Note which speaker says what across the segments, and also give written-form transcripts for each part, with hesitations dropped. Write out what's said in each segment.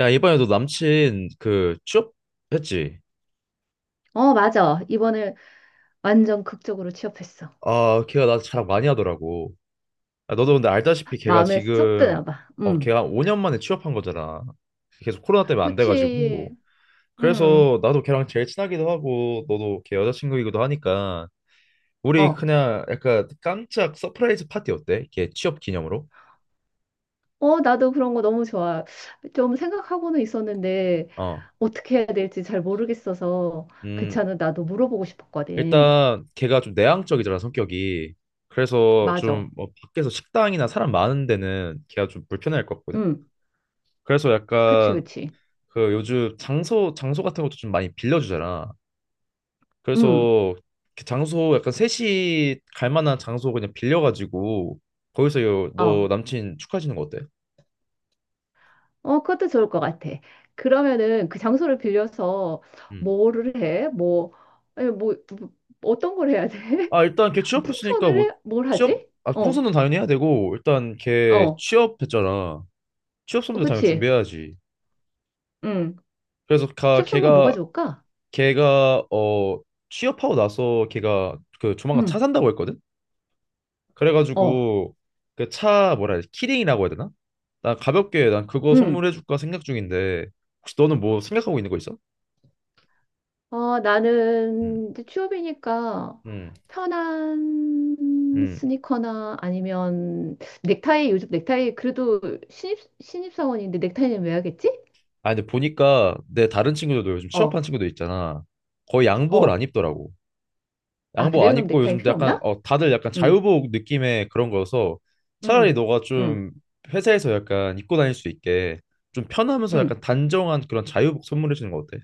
Speaker 1: 야, 이번에 너 남친 취업했지?
Speaker 2: 어, 맞아. 이번에 완전 극적으로 취업했어.
Speaker 1: 아, 걔가 나 자랑 많이 하더라고. 아, 너도 근데 알다시피 걔가
Speaker 2: 마음에 쏙
Speaker 1: 지금
Speaker 2: 드나 봐. 음.
Speaker 1: 걔가 5년 만에 취업한 거잖아. 계속 코로나 때문에 안 돼가지고.
Speaker 2: 그치. 음.
Speaker 1: 그래서 나도 걔랑 제일 친하기도 하고 너도 걔 여자친구이기도 하니까 우리
Speaker 2: 어.
Speaker 1: 그냥 약간 깜짝 서프라이즈 파티 어때? 걔 취업 기념으로?
Speaker 2: 어, 나도 그런 거 너무 좋아. 좀 생각하고는 있었는데
Speaker 1: 어.
Speaker 2: 어떻게 해야 될지 잘 모르겠어서 그
Speaker 1: 음,
Speaker 2: 차는 나도 물어보고 싶었거든.
Speaker 1: 일단 걔가 좀 내향적이잖아, 성격이. 그래서
Speaker 2: 맞아.
Speaker 1: 좀뭐 밖에서 식당이나 사람 많은 데는 걔가 좀 불편할 것 같거든?
Speaker 2: 음.
Speaker 1: 그래서
Speaker 2: 그치,
Speaker 1: 약간
Speaker 2: 그치.
Speaker 1: 그 요즘 장소 같은 것도 좀 많이 빌려주잖아.
Speaker 2: 음.
Speaker 1: 그래서 그 장소 약간 셋이 갈 만한 장소 그냥 빌려가지고 거기서 너
Speaker 2: 어.
Speaker 1: 남친 축하해주는 거 어때?
Speaker 2: 어, 그것도 좋을 것 같아. 그러면은 그 장소를 빌려서
Speaker 1: 음.
Speaker 2: 뭐를 해? 뭐, 에 뭐, 뭐 어떤 걸 해야 돼?
Speaker 1: 아 일단 걔 취업했으니까 뭐
Speaker 2: 풍선을 해? 뭘
Speaker 1: 취업
Speaker 2: 하지?
Speaker 1: 아
Speaker 2: 어.
Speaker 1: 풍선은 당연히 해야 되고 일단 걔
Speaker 2: 어,
Speaker 1: 취업했잖아. 취업
Speaker 2: 어,
Speaker 1: 선물도 당연히
Speaker 2: 그치?
Speaker 1: 준비해야지.
Speaker 2: 응.
Speaker 1: 그래서 가
Speaker 2: 취업 선물 뭐
Speaker 1: 걔가
Speaker 2: 가져올까?
Speaker 1: 걔가 취업하고 나서 걔가 그 조만간 차
Speaker 2: 응,
Speaker 1: 산다고 했거든.
Speaker 2: 어,
Speaker 1: 그래가지고 그 차 뭐라 해야 되지? 키링이라고 해야 되나? 나 가볍게 난 그거
Speaker 2: 응.
Speaker 1: 선물해줄까 생각 중인데 혹시 너는 뭐 생각하고 있는 거 있어?
Speaker 2: 어,
Speaker 1: 음.
Speaker 2: 나는 이제 취업이니까
Speaker 1: 음,
Speaker 2: 편한
Speaker 1: 음.
Speaker 2: 스니커나 아니면 넥타이, 요즘 넥타이, 그래도 신입사원인데 넥타이는 왜 하겠지?
Speaker 1: 아 근데 보니까 내 다른 친구들도 요즘
Speaker 2: 어,
Speaker 1: 취업한 친구들 있잖아. 거의 양복을
Speaker 2: 어.
Speaker 1: 안 입더라고.
Speaker 2: 아,
Speaker 1: 양복
Speaker 2: 그래?
Speaker 1: 안
Speaker 2: 그럼
Speaker 1: 입고
Speaker 2: 넥타이
Speaker 1: 요즘
Speaker 2: 필요
Speaker 1: 약간
Speaker 2: 없나?
Speaker 1: 다들 약간
Speaker 2: 응,
Speaker 1: 자유복 느낌의 그런 거여서 차라리
Speaker 2: 응,
Speaker 1: 너가
Speaker 2: 응,
Speaker 1: 좀 회사에서 약간 입고 다닐 수 있게 좀 편하면서
Speaker 2: 응.
Speaker 1: 약간 단정한 그런 자유복 선물해 주는 거 어때?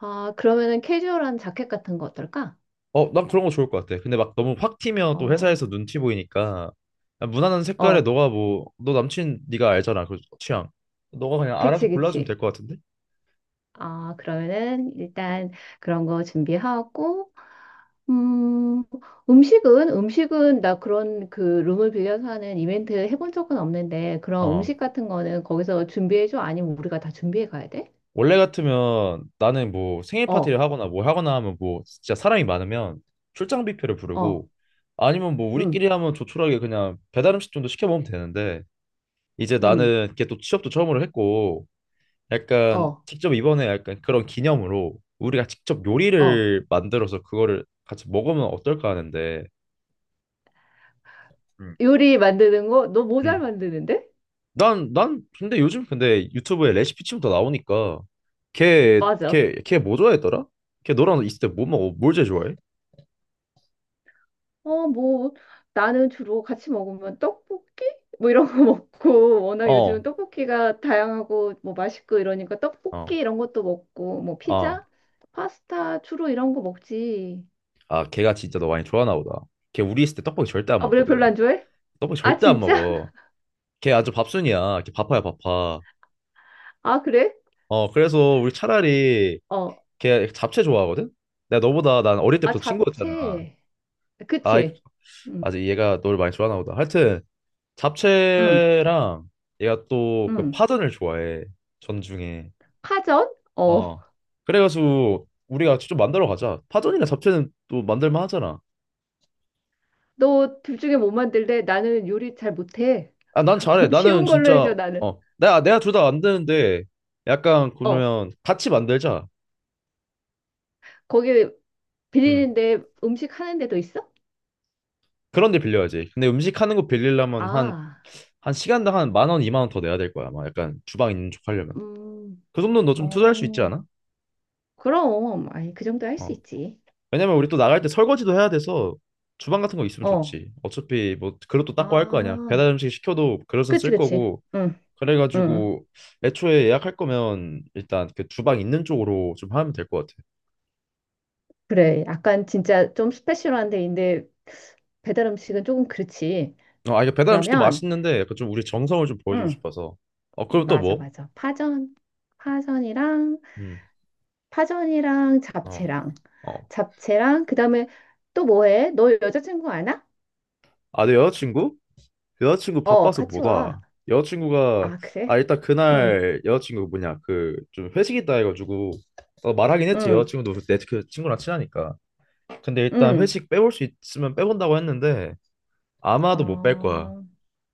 Speaker 2: 아, 그러면은 캐주얼한 자켓 같은 거 어떨까?
Speaker 1: 어, 난 그런 거 좋을 것 같아. 근데 막 너무 확 튀면 또
Speaker 2: 어,
Speaker 1: 회사에서 눈치 보이니까 그냥 무난한 색깔에
Speaker 2: 어.
Speaker 1: 너가 뭐 너 남친 네가 알잖아 그 취향. 너가 그냥
Speaker 2: 그치,
Speaker 1: 알아서 골라주면
Speaker 2: 그치.
Speaker 1: 될 것 같은데?
Speaker 2: 아, 그러면은 일단 그런 거 준비하고, 음, 음식은 나 그런 그 룸을 빌려서 하는 이벤트 해본 적은 없는데, 그런
Speaker 1: 어.
Speaker 2: 음식 같은 거는 거기서 준비해줘? 아니면 우리가 다 준비해 가야 돼?
Speaker 1: 원래 같으면 나는 뭐 생일
Speaker 2: 어,
Speaker 1: 파티를 하거나 뭐 하거나 하면 뭐 진짜 사람이 많으면 출장 뷔페를
Speaker 2: 어,
Speaker 1: 부르고 아니면 뭐 우리끼리
Speaker 2: 음,
Speaker 1: 하면 조촐하게 그냥 배달 음식 정도 시켜 먹으면 되는데 이제
Speaker 2: 음,
Speaker 1: 나는 이게 또 취업도 처음으로 했고 약간
Speaker 2: 어,
Speaker 1: 직접 이번에 약간 그런 기념으로 우리가 직접
Speaker 2: 어.
Speaker 1: 요리를 만들어서 그거를 같이 먹으면 어떨까 하는데 음.
Speaker 2: 요리 만드는 거? 너 모잘
Speaker 1: 음.
Speaker 2: 만드는데?
Speaker 1: 난, 난 근데 요즘 근데 유튜브에 레시피 치면 다 나오니까 걔,
Speaker 2: 맞아.
Speaker 1: 걔, 걔 뭐 좋아했더라? 걔 너랑 있을 때 뭐 먹어? 뭘 제일 좋아해?
Speaker 2: 어, 뭐, 나는 주로 같이 먹으면 떡볶이? 뭐 이런 거 먹고, 워낙
Speaker 1: 어,
Speaker 2: 요즘은 떡볶이가 다양하고, 뭐 맛있고 이러니까 떡볶이
Speaker 1: 어,
Speaker 2: 이런 것도 먹고, 뭐
Speaker 1: 어.
Speaker 2: 피자, 파스타, 주로 이런 거 먹지.
Speaker 1: 아, 걔가 진짜 너 많이 좋아하나 보다. 걔 우리 있을 때 떡볶이 절대 안
Speaker 2: 아, 그래, 별로
Speaker 1: 먹거든.
Speaker 2: 안 좋아해?
Speaker 1: 떡볶이
Speaker 2: 아,
Speaker 1: 절대 안
Speaker 2: 진짜?
Speaker 1: 먹어. 걔 아주 밥순이야. 걔 바빠야 바빠.
Speaker 2: 아, 그래?
Speaker 1: 어, 그래서 우리 차라리
Speaker 2: 어,
Speaker 1: 걔 잡채 좋아하거든? 내가 너보다 난 어릴
Speaker 2: 아,
Speaker 1: 때부터 친구였잖아.
Speaker 2: 잡채.
Speaker 1: 아,
Speaker 2: 그치? 응,
Speaker 1: 아직 얘가 너를 많이 좋아하나 보다. 하여튼
Speaker 2: 응,
Speaker 1: 잡채랑 얘가 또 그
Speaker 2: 응.
Speaker 1: 파전을 좋아해. 전중에.
Speaker 2: 파전? 어,
Speaker 1: 어. 그래가지고 우리가 직접 만들어 가자. 파전이나 잡채는 또 만들만 하잖아.
Speaker 2: 너 둘 중에 뭐 만들래? 나는 요리 잘 못해.
Speaker 1: 아, 난 잘해. 나는
Speaker 2: 쉬운 걸로
Speaker 1: 진짜
Speaker 2: 해줘, 나는.
Speaker 1: 어. 내가 둘 다 만드는데 약간
Speaker 2: 어,
Speaker 1: 그러면 같이 만들자.
Speaker 2: 거기
Speaker 1: 음.
Speaker 2: 빌리는데 음식 하는 데도 있어?
Speaker 1: 그런 데 빌려야지. 근데 음식 하는 거 빌리려면
Speaker 2: 아,
Speaker 1: 한 시간당 한 10,000원, 20,000원 더 내야 될 거야. 막 약간 주방 있는 쪽 하려면.
Speaker 2: 음,
Speaker 1: 그 정도는 너 좀 투자할 수 있지
Speaker 2: 어,
Speaker 1: 않아?
Speaker 2: 그럼, 아니, 그 정도 할 수
Speaker 1: 어.
Speaker 2: 있지.
Speaker 1: 왜냐면 우리 또 나갈 때 설거지도 해야 돼서 주방 같은 거 있으면
Speaker 2: 어,
Speaker 1: 좋지. 어차피 뭐 그릇도 닦고 할 거 아니야.
Speaker 2: 아,
Speaker 1: 배달 음식 시켜도 그릇은
Speaker 2: 그치,
Speaker 1: 쓸
Speaker 2: 그치.
Speaker 1: 거고.
Speaker 2: 응, 응.
Speaker 1: 그래가지고 애초에 예약할 거면 일단 그 주방 있는 쪽으로 좀 하면 될 것 같아.
Speaker 2: 그래. 약간 진짜 좀 스페셜한 데인데 배달 음식은 조금 그렇지.
Speaker 1: 어, 아 이게 배달 음식도
Speaker 2: 그러면,
Speaker 1: 맛있는데 약간 좀 우리 정성을 좀 보여주고
Speaker 2: 응,
Speaker 1: 싶어서. 어 그럼 또
Speaker 2: 맞아,
Speaker 1: 뭐?
Speaker 2: 맞아. 파전이랑,
Speaker 1: 음.
Speaker 2: 파전이랑
Speaker 1: 어.
Speaker 2: 잡채랑,
Speaker 1: 어.
Speaker 2: 잡채랑, 그 다음에 또 뭐 해? 너 여자친구 아나?
Speaker 1: 아 내 여자친구? 여자친구
Speaker 2: 어,
Speaker 1: 바빠서
Speaker 2: 같이
Speaker 1: 못
Speaker 2: 와.
Speaker 1: 와. 여자친구가
Speaker 2: 아,
Speaker 1: 아
Speaker 2: 그래?
Speaker 1: 일단
Speaker 2: 응,
Speaker 1: 그날 여자친구 뭐냐 그 좀 회식 있다 해가지고 어, 말하긴 했지
Speaker 2: 응,
Speaker 1: 여자친구도 내 그 친구랑 친하니까. 근데 일단
Speaker 2: 응.
Speaker 1: 회식 빼올 수 있으면 빼본다고 했는데 아마도 못 뺄 거야.
Speaker 2: 어,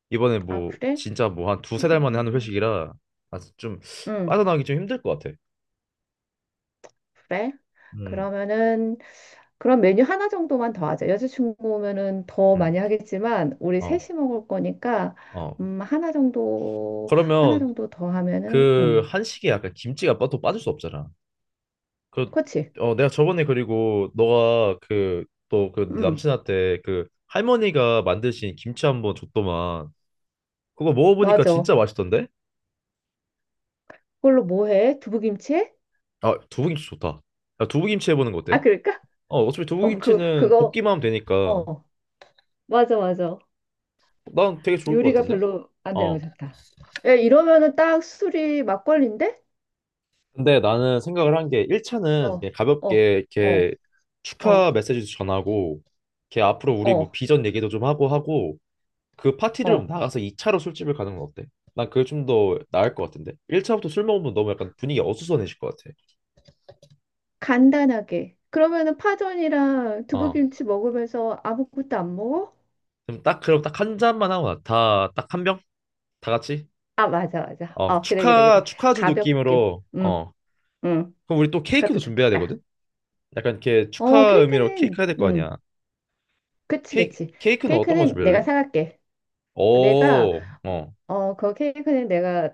Speaker 1: 이번에
Speaker 2: 아,
Speaker 1: 뭐
Speaker 2: 그래?
Speaker 1: 진짜 뭐 한 두세 달 만에 하는
Speaker 2: 음,
Speaker 1: 회식이라 아, 좀
Speaker 2: 음,
Speaker 1: 빠져나가기 좀 힘들 것 같아.
Speaker 2: 그래?
Speaker 1: 음,
Speaker 2: 그러면은 그런 메뉴 하나 정도만 더 하자. 여자친구 오면은 더
Speaker 1: 음,
Speaker 2: 많이 하겠지만 우리
Speaker 1: 어,
Speaker 2: 셋이 먹을 거니까
Speaker 1: 어.
Speaker 2: 음, 하나 정도 하나
Speaker 1: 그러면
Speaker 2: 정도 더 하면은
Speaker 1: 그 한식에 약간 김치가 또 빠질 수 없잖아. 그,
Speaker 2: 그치?
Speaker 1: 어, 내가 저번에 그리고 너가 그, 또 그
Speaker 2: 음.
Speaker 1: 남친한테 그 할머니가 만드신 김치 한번 줬더만. 그거 먹어보니까
Speaker 2: 맞아.
Speaker 1: 진짜 맛있던데?
Speaker 2: 그걸로 뭐 해? 두부김치?
Speaker 1: 아, 두부김치 좋다. 야, 두부김치 해보는 거
Speaker 2: 아,
Speaker 1: 어때?
Speaker 2: 그럴까?
Speaker 1: 어, 어차피
Speaker 2: 어, 그
Speaker 1: 두부김치는
Speaker 2: 그거
Speaker 1: 볶기만 하면 되니까.
Speaker 2: 어. 맞아, 맞아.
Speaker 1: 난 되게 좋을 것
Speaker 2: 요리가
Speaker 1: 같은데?
Speaker 2: 별로 안 되는 거
Speaker 1: 어.
Speaker 2: 좋다. 야, 이러면은 딱 술이 막걸리인데?
Speaker 1: 근데 나는 생각을 한 게 1차는
Speaker 2: 어.
Speaker 1: 그냥
Speaker 2: 어.
Speaker 1: 가볍게
Speaker 2: 어.
Speaker 1: 이렇게
Speaker 2: 어.
Speaker 1: 축하 메시지도 전하고, 걔 앞으로 우리 뭐
Speaker 2: 어.
Speaker 1: 비전 얘기도 좀 하고 하고, 그 파티룸
Speaker 2: 어.
Speaker 1: 나가서 2차로 술집을 가는 건 어때? 난 그게 좀 더 나을 것 같은데. 1차부터 술 먹으면 너무 약간 분위기 어수선해질 것 같아.
Speaker 2: 간단하게. 그러면은 파전이랑
Speaker 1: 어.
Speaker 2: 두부김치 먹으면서 아무것도 안 먹어?
Speaker 1: 그럼 딱 한 잔만 하고 다딱 한 병? 다 같이?
Speaker 2: 아, 맞아, 맞아.
Speaker 1: 어,
Speaker 2: 어, 그래, 그래, 그래.
Speaker 1: 축하주
Speaker 2: 가볍게.
Speaker 1: 느낌으로
Speaker 2: 응,
Speaker 1: 어.
Speaker 2: 응.
Speaker 1: 그럼 우리 또 케이크도
Speaker 2: 그것도
Speaker 1: 준비해야 되거든.
Speaker 2: 좋겠다.
Speaker 1: 약간 이렇게 축하
Speaker 2: 어,
Speaker 1: 의미로 케이크
Speaker 2: 케이크는,
Speaker 1: 해야 될 거
Speaker 2: 응.
Speaker 1: 아니야.
Speaker 2: 그치, 그치.
Speaker 1: 케이크는 어떤 거
Speaker 2: 케이크는 내가
Speaker 1: 준비할래?
Speaker 2: 사갈게. 내가,
Speaker 1: 오. 어.
Speaker 2: 어, 그 케이크는 내가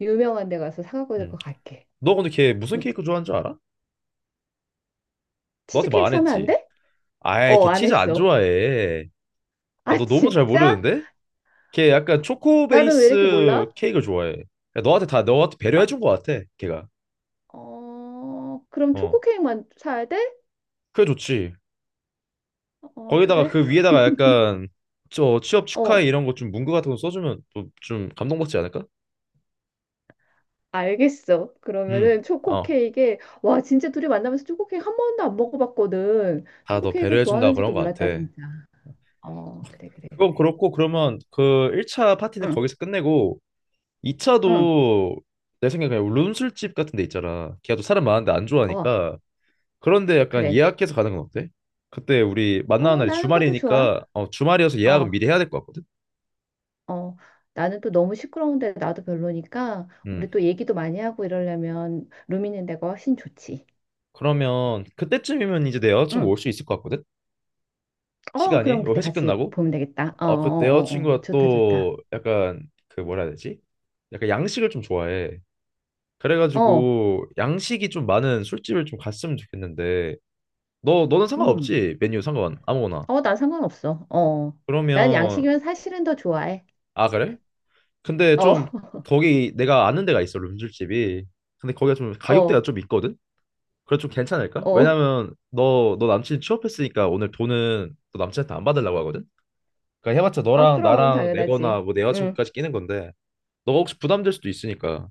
Speaker 2: 유명한 데 가서 사갖고
Speaker 1: 응.
Speaker 2: 될것 갈게.
Speaker 1: 너 근데 걔 무슨
Speaker 2: 응.
Speaker 1: 케이크 좋아하는 줄 알아? 너한테 말
Speaker 2: 치즈케이크
Speaker 1: 안
Speaker 2: 사면 안
Speaker 1: 했지.
Speaker 2: 돼?
Speaker 1: 아이,
Speaker 2: 어,
Speaker 1: 걔
Speaker 2: 안
Speaker 1: 치즈 안
Speaker 2: 했어.
Speaker 1: 좋아해. 아,
Speaker 2: 아,
Speaker 1: 너 너무 잘
Speaker 2: 진짜?
Speaker 1: 모르는데? 걔 약간 초코
Speaker 2: 나는 왜 이렇게
Speaker 1: 베이스
Speaker 2: 몰라?
Speaker 1: 케이크를 좋아해. 그러니까 너한테 다 너한테
Speaker 2: 아,
Speaker 1: 배려해 준 것 같아, 걔가.
Speaker 2: 어, 그럼
Speaker 1: 어,
Speaker 2: 초코케이크만 사야 돼?
Speaker 1: 그게 좋지.
Speaker 2: 어,
Speaker 1: 거기다가
Speaker 2: 그래.
Speaker 1: 그 위에다가 약간 저 취업 축하해
Speaker 2: 어,
Speaker 1: 이런 거 좀 문구 같은 거 써주면 또 좀 감동받지 않을까?
Speaker 2: 알겠어.
Speaker 1: 음,
Speaker 2: 그러면은 초코
Speaker 1: 어,
Speaker 2: 케이크에 와 진짜 둘이 만나면서 초코 케이크 한 번도 안 먹어봤거든.
Speaker 1: 다
Speaker 2: 초코
Speaker 1: 너
Speaker 2: 케이크
Speaker 1: 배려해 준다
Speaker 2: 좋아하는지도
Speaker 1: 그런 것
Speaker 2: 몰랐다
Speaker 1: 같아.
Speaker 2: 진짜. 어, 그래 그래
Speaker 1: 그건
Speaker 2: 그래.
Speaker 1: 그렇고 그러면 그 1차 파티는
Speaker 2: 응,
Speaker 1: 거기서 끝내고
Speaker 2: 응.
Speaker 1: 2차도 내 생각에 그냥 룸술집 같은 데 있잖아. 걔가 또 사람 많은데 안
Speaker 2: 어,
Speaker 1: 좋아하니까 그런데 약간
Speaker 2: 그래.
Speaker 1: 예약해서 가는 건 어때? 그때 우리 만나는
Speaker 2: 어,
Speaker 1: 날이
Speaker 2: 나는 것도 좋아.
Speaker 1: 주말이니까 어, 주말이어서 예약은
Speaker 2: 어,
Speaker 1: 미리 해야 될 것 같거든.
Speaker 2: 어. 나는 또 너무 시끄러운데 나도 별로니까 우리
Speaker 1: 음.
Speaker 2: 또 얘기도 많이 하고 이러려면 룸 있는 데가 훨씬 좋지.
Speaker 1: 그러면 그때쯤이면 이제 내 여자친구
Speaker 2: 응.
Speaker 1: 올 수 있을 것 같거든.
Speaker 2: 어,
Speaker 1: 시간이
Speaker 2: 그럼
Speaker 1: 요
Speaker 2: 그때
Speaker 1: 회식
Speaker 2: 같이
Speaker 1: 끝나고.
Speaker 2: 보면 되겠다. 어, 어,
Speaker 1: 어, 그 내
Speaker 2: 어, 어.
Speaker 1: 여자친구가
Speaker 2: 좋다 좋다.
Speaker 1: 또 약간 그 뭐라 해야 되지? 약간 양식을 좀 좋아해.
Speaker 2: 어.
Speaker 1: 그래가지고 양식이 좀 많은 술집을 좀 갔으면 좋겠는데 너 너는
Speaker 2: 음.
Speaker 1: 상관없지? 메뉴 상관 아무거나.
Speaker 2: 어, 난 상관없어. 어. 난
Speaker 1: 그러면
Speaker 2: 양식이면 사실은 더 좋아해.
Speaker 1: 아 그래? 근데
Speaker 2: 어,
Speaker 1: 좀 거기 내가 아는 데가 있어 룸술집이. 근데 거기가 좀 가격대가
Speaker 2: 어,
Speaker 1: 좀 있거든. 그래 좀 괜찮을까?
Speaker 2: 어.
Speaker 1: 왜냐면 너 남친 취업했으니까 오늘 돈은 너 남친한테 안 받으려고 하거든. 그러니까 해봤자
Speaker 2: 아,
Speaker 1: 너랑
Speaker 2: 그럼,
Speaker 1: 나랑 내거나
Speaker 2: 당연하지.
Speaker 1: 뭐 내
Speaker 2: 응.
Speaker 1: 여자친구까지 끼는 건데 너가 혹시 부담될 수도 있으니까.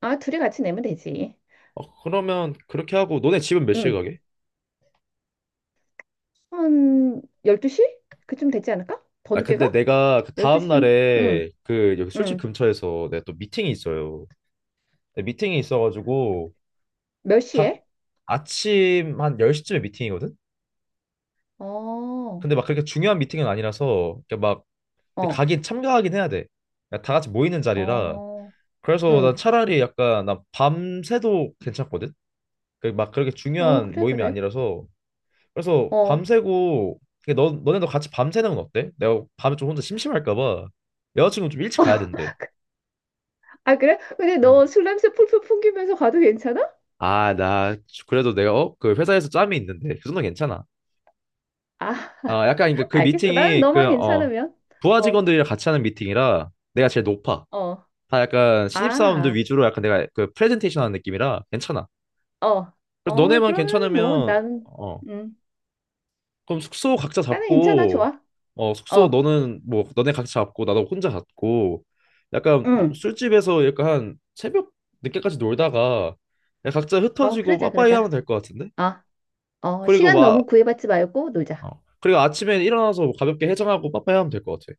Speaker 2: 아, 둘이 같이 내면 되지.
Speaker 1: 어, 그러면 그렇게 하고 너네 집은 몇 시에
Speaker 2: 응.
Speaker 1: 가게?
Speaker 2: 한 12시? 그쯤 되지 않을까? 더
Speaker 1: 아
Speaker 2: 늦게
Speaker 1: 근데
Speaker 2: 가?
Speaker 1: 내가 그 다음
Speaker 2: 12시쯤? 응,
Speaker 1: 날에 그 여기 술집
Speaker 2: 응.
Speaker 1: 근처에서 내가 또 미팅이 있어요. 근데 미팅이 있어가지고
Speaker 2: 몇
Speaker 1: 딱
Speaker 2: 시에?
Speaker 1: 아침 한 10시쯤에 미팅이거든?
Speaker 2: 어,
Speaker 1: 근데 막 그렇게 중요한 미팅은 아니라서 이렇게 막 근데
Speaker 2: 어,
Speaker 1: 가긴 참가하긴 해야 돼. 그다 같이 모이는 자리라.
Speaker 2: 어,
Speaker 1: 그래서 난
Speaker 2: 응.
Speaker 1: 차라리 약간 난 밤새도 괜찮거든. 그막 그렇게
Speaker 2: 어,
Speaker 1: 중요한
Speaker 2: 그래,
Speaker 1: 모임이
Speaker 2: 그래.
Speaker 1: 아니라서 그래서
Speaker 2: 어.
Speaker 1: 밤새고 이게 너 너네도 같이 밤새는 건 어때? 내가 밤에 좀 혼자 심심할까 봐 여자친구 좀 일찍 가야 된대.
Speaker 2: 아, 그래? 근데
Speaker 1: 음.
Speaker 2: 너 술 냄새 풀풀 풍기면서 가도 괜찮아?
Speaker 1: 아, 나 그래도 내가 어? 그 회사에서 짬이 있는데 그 정도 는 괜찮아.
Speaker 2: 아,
Speaker 1: 아, 약간 그러니까 그
Speaker 2: 알겠어. 나는
Speaker 1: 미팅이
Speaker 2: 너만
Speaker 1: 그어
Speaker 2: 괜찮으면.
Speaker 1: 부하
Speaker 2: 어,
Speaker 1: 직원들이랑 같이 하는 미팅이라 내가 제일 높아.
Speaker 2: 어.
Speaker 1: 다 약간 신입사원들
Speaker 2: 아.
Speaker 1: 위주로 약간 내가 그 프레젠테이션 하는 느낌이라 괜찮아.
Speaker 2: 어,
Speaker 1: 그래서
Speaker 2: 어,
Speaker 1: 너네만
Speaker 2: 그러면 뭐,
Speaker 1: 괜찮으면
Speaker 2: 나는,
Speaker 1: 어
Speaker 2: 음,
Speaker 1: 그럼 숙소 각자
Speaker 2: 나는 괜찮아,
Speaker 1: 잡고
Speaker 2: 좋아.
Speaker 1: 어 숙소
Speaker 2: 어,
Speaker 1: 너는 뭐 너네 각자 잡고 나도 혼자 잡고 약간 뭐
Speaker 2: 응,
Speaker 1: 술집에서 약간 한 새벽 늦게까지 놀다가 그냥 각자
Speaker 2: 어,
Speaker 1: 흩어지고
Speaker 2: 그러자,
Speaker 1: 빠빠이 하면
Speaker 2: 그러자.
Speaker 1: 될 것 같은데?
Speaker 2: 어, 어,
Speaker 1: 그리고
Speaker 2: 시간 너무
Speaker 1: 막
Speaker 2: 구애받지 말고 놀자.
Speaker 1: 어, 그리고 아침에 일어나서 뭐 가볍게 해장하고 빠빠이 하면 될 것 같아.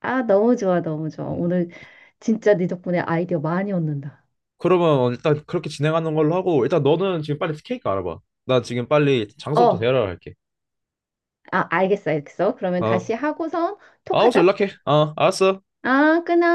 Speaker 2: 아, 너무 좋아, 너무 좋아.
Speaker 1: 음.
Speaker 2: 오늘 진짜 네 덕분에 아이디어 많이 얻는다.
Speaker 1: 그러면 일단 그렇게 진행하는 걸로 하고 일단 너는 지금 빨리 케이크 알아봐. 나 지금 빨리 장소부터
Speaker 2: 어,
Speaker 1: 대여를 할게.
Speaker 2: 아, 알겠어, 알겠어. 그러면 다시
Speaker 1: 아,
Speaker 2: 하고선
Speaker 1: 알았어
Speaker 2: 톡하자.
Speaker 1: 연락해. 어, 알았어.
Speaker 2: 아, 끊어.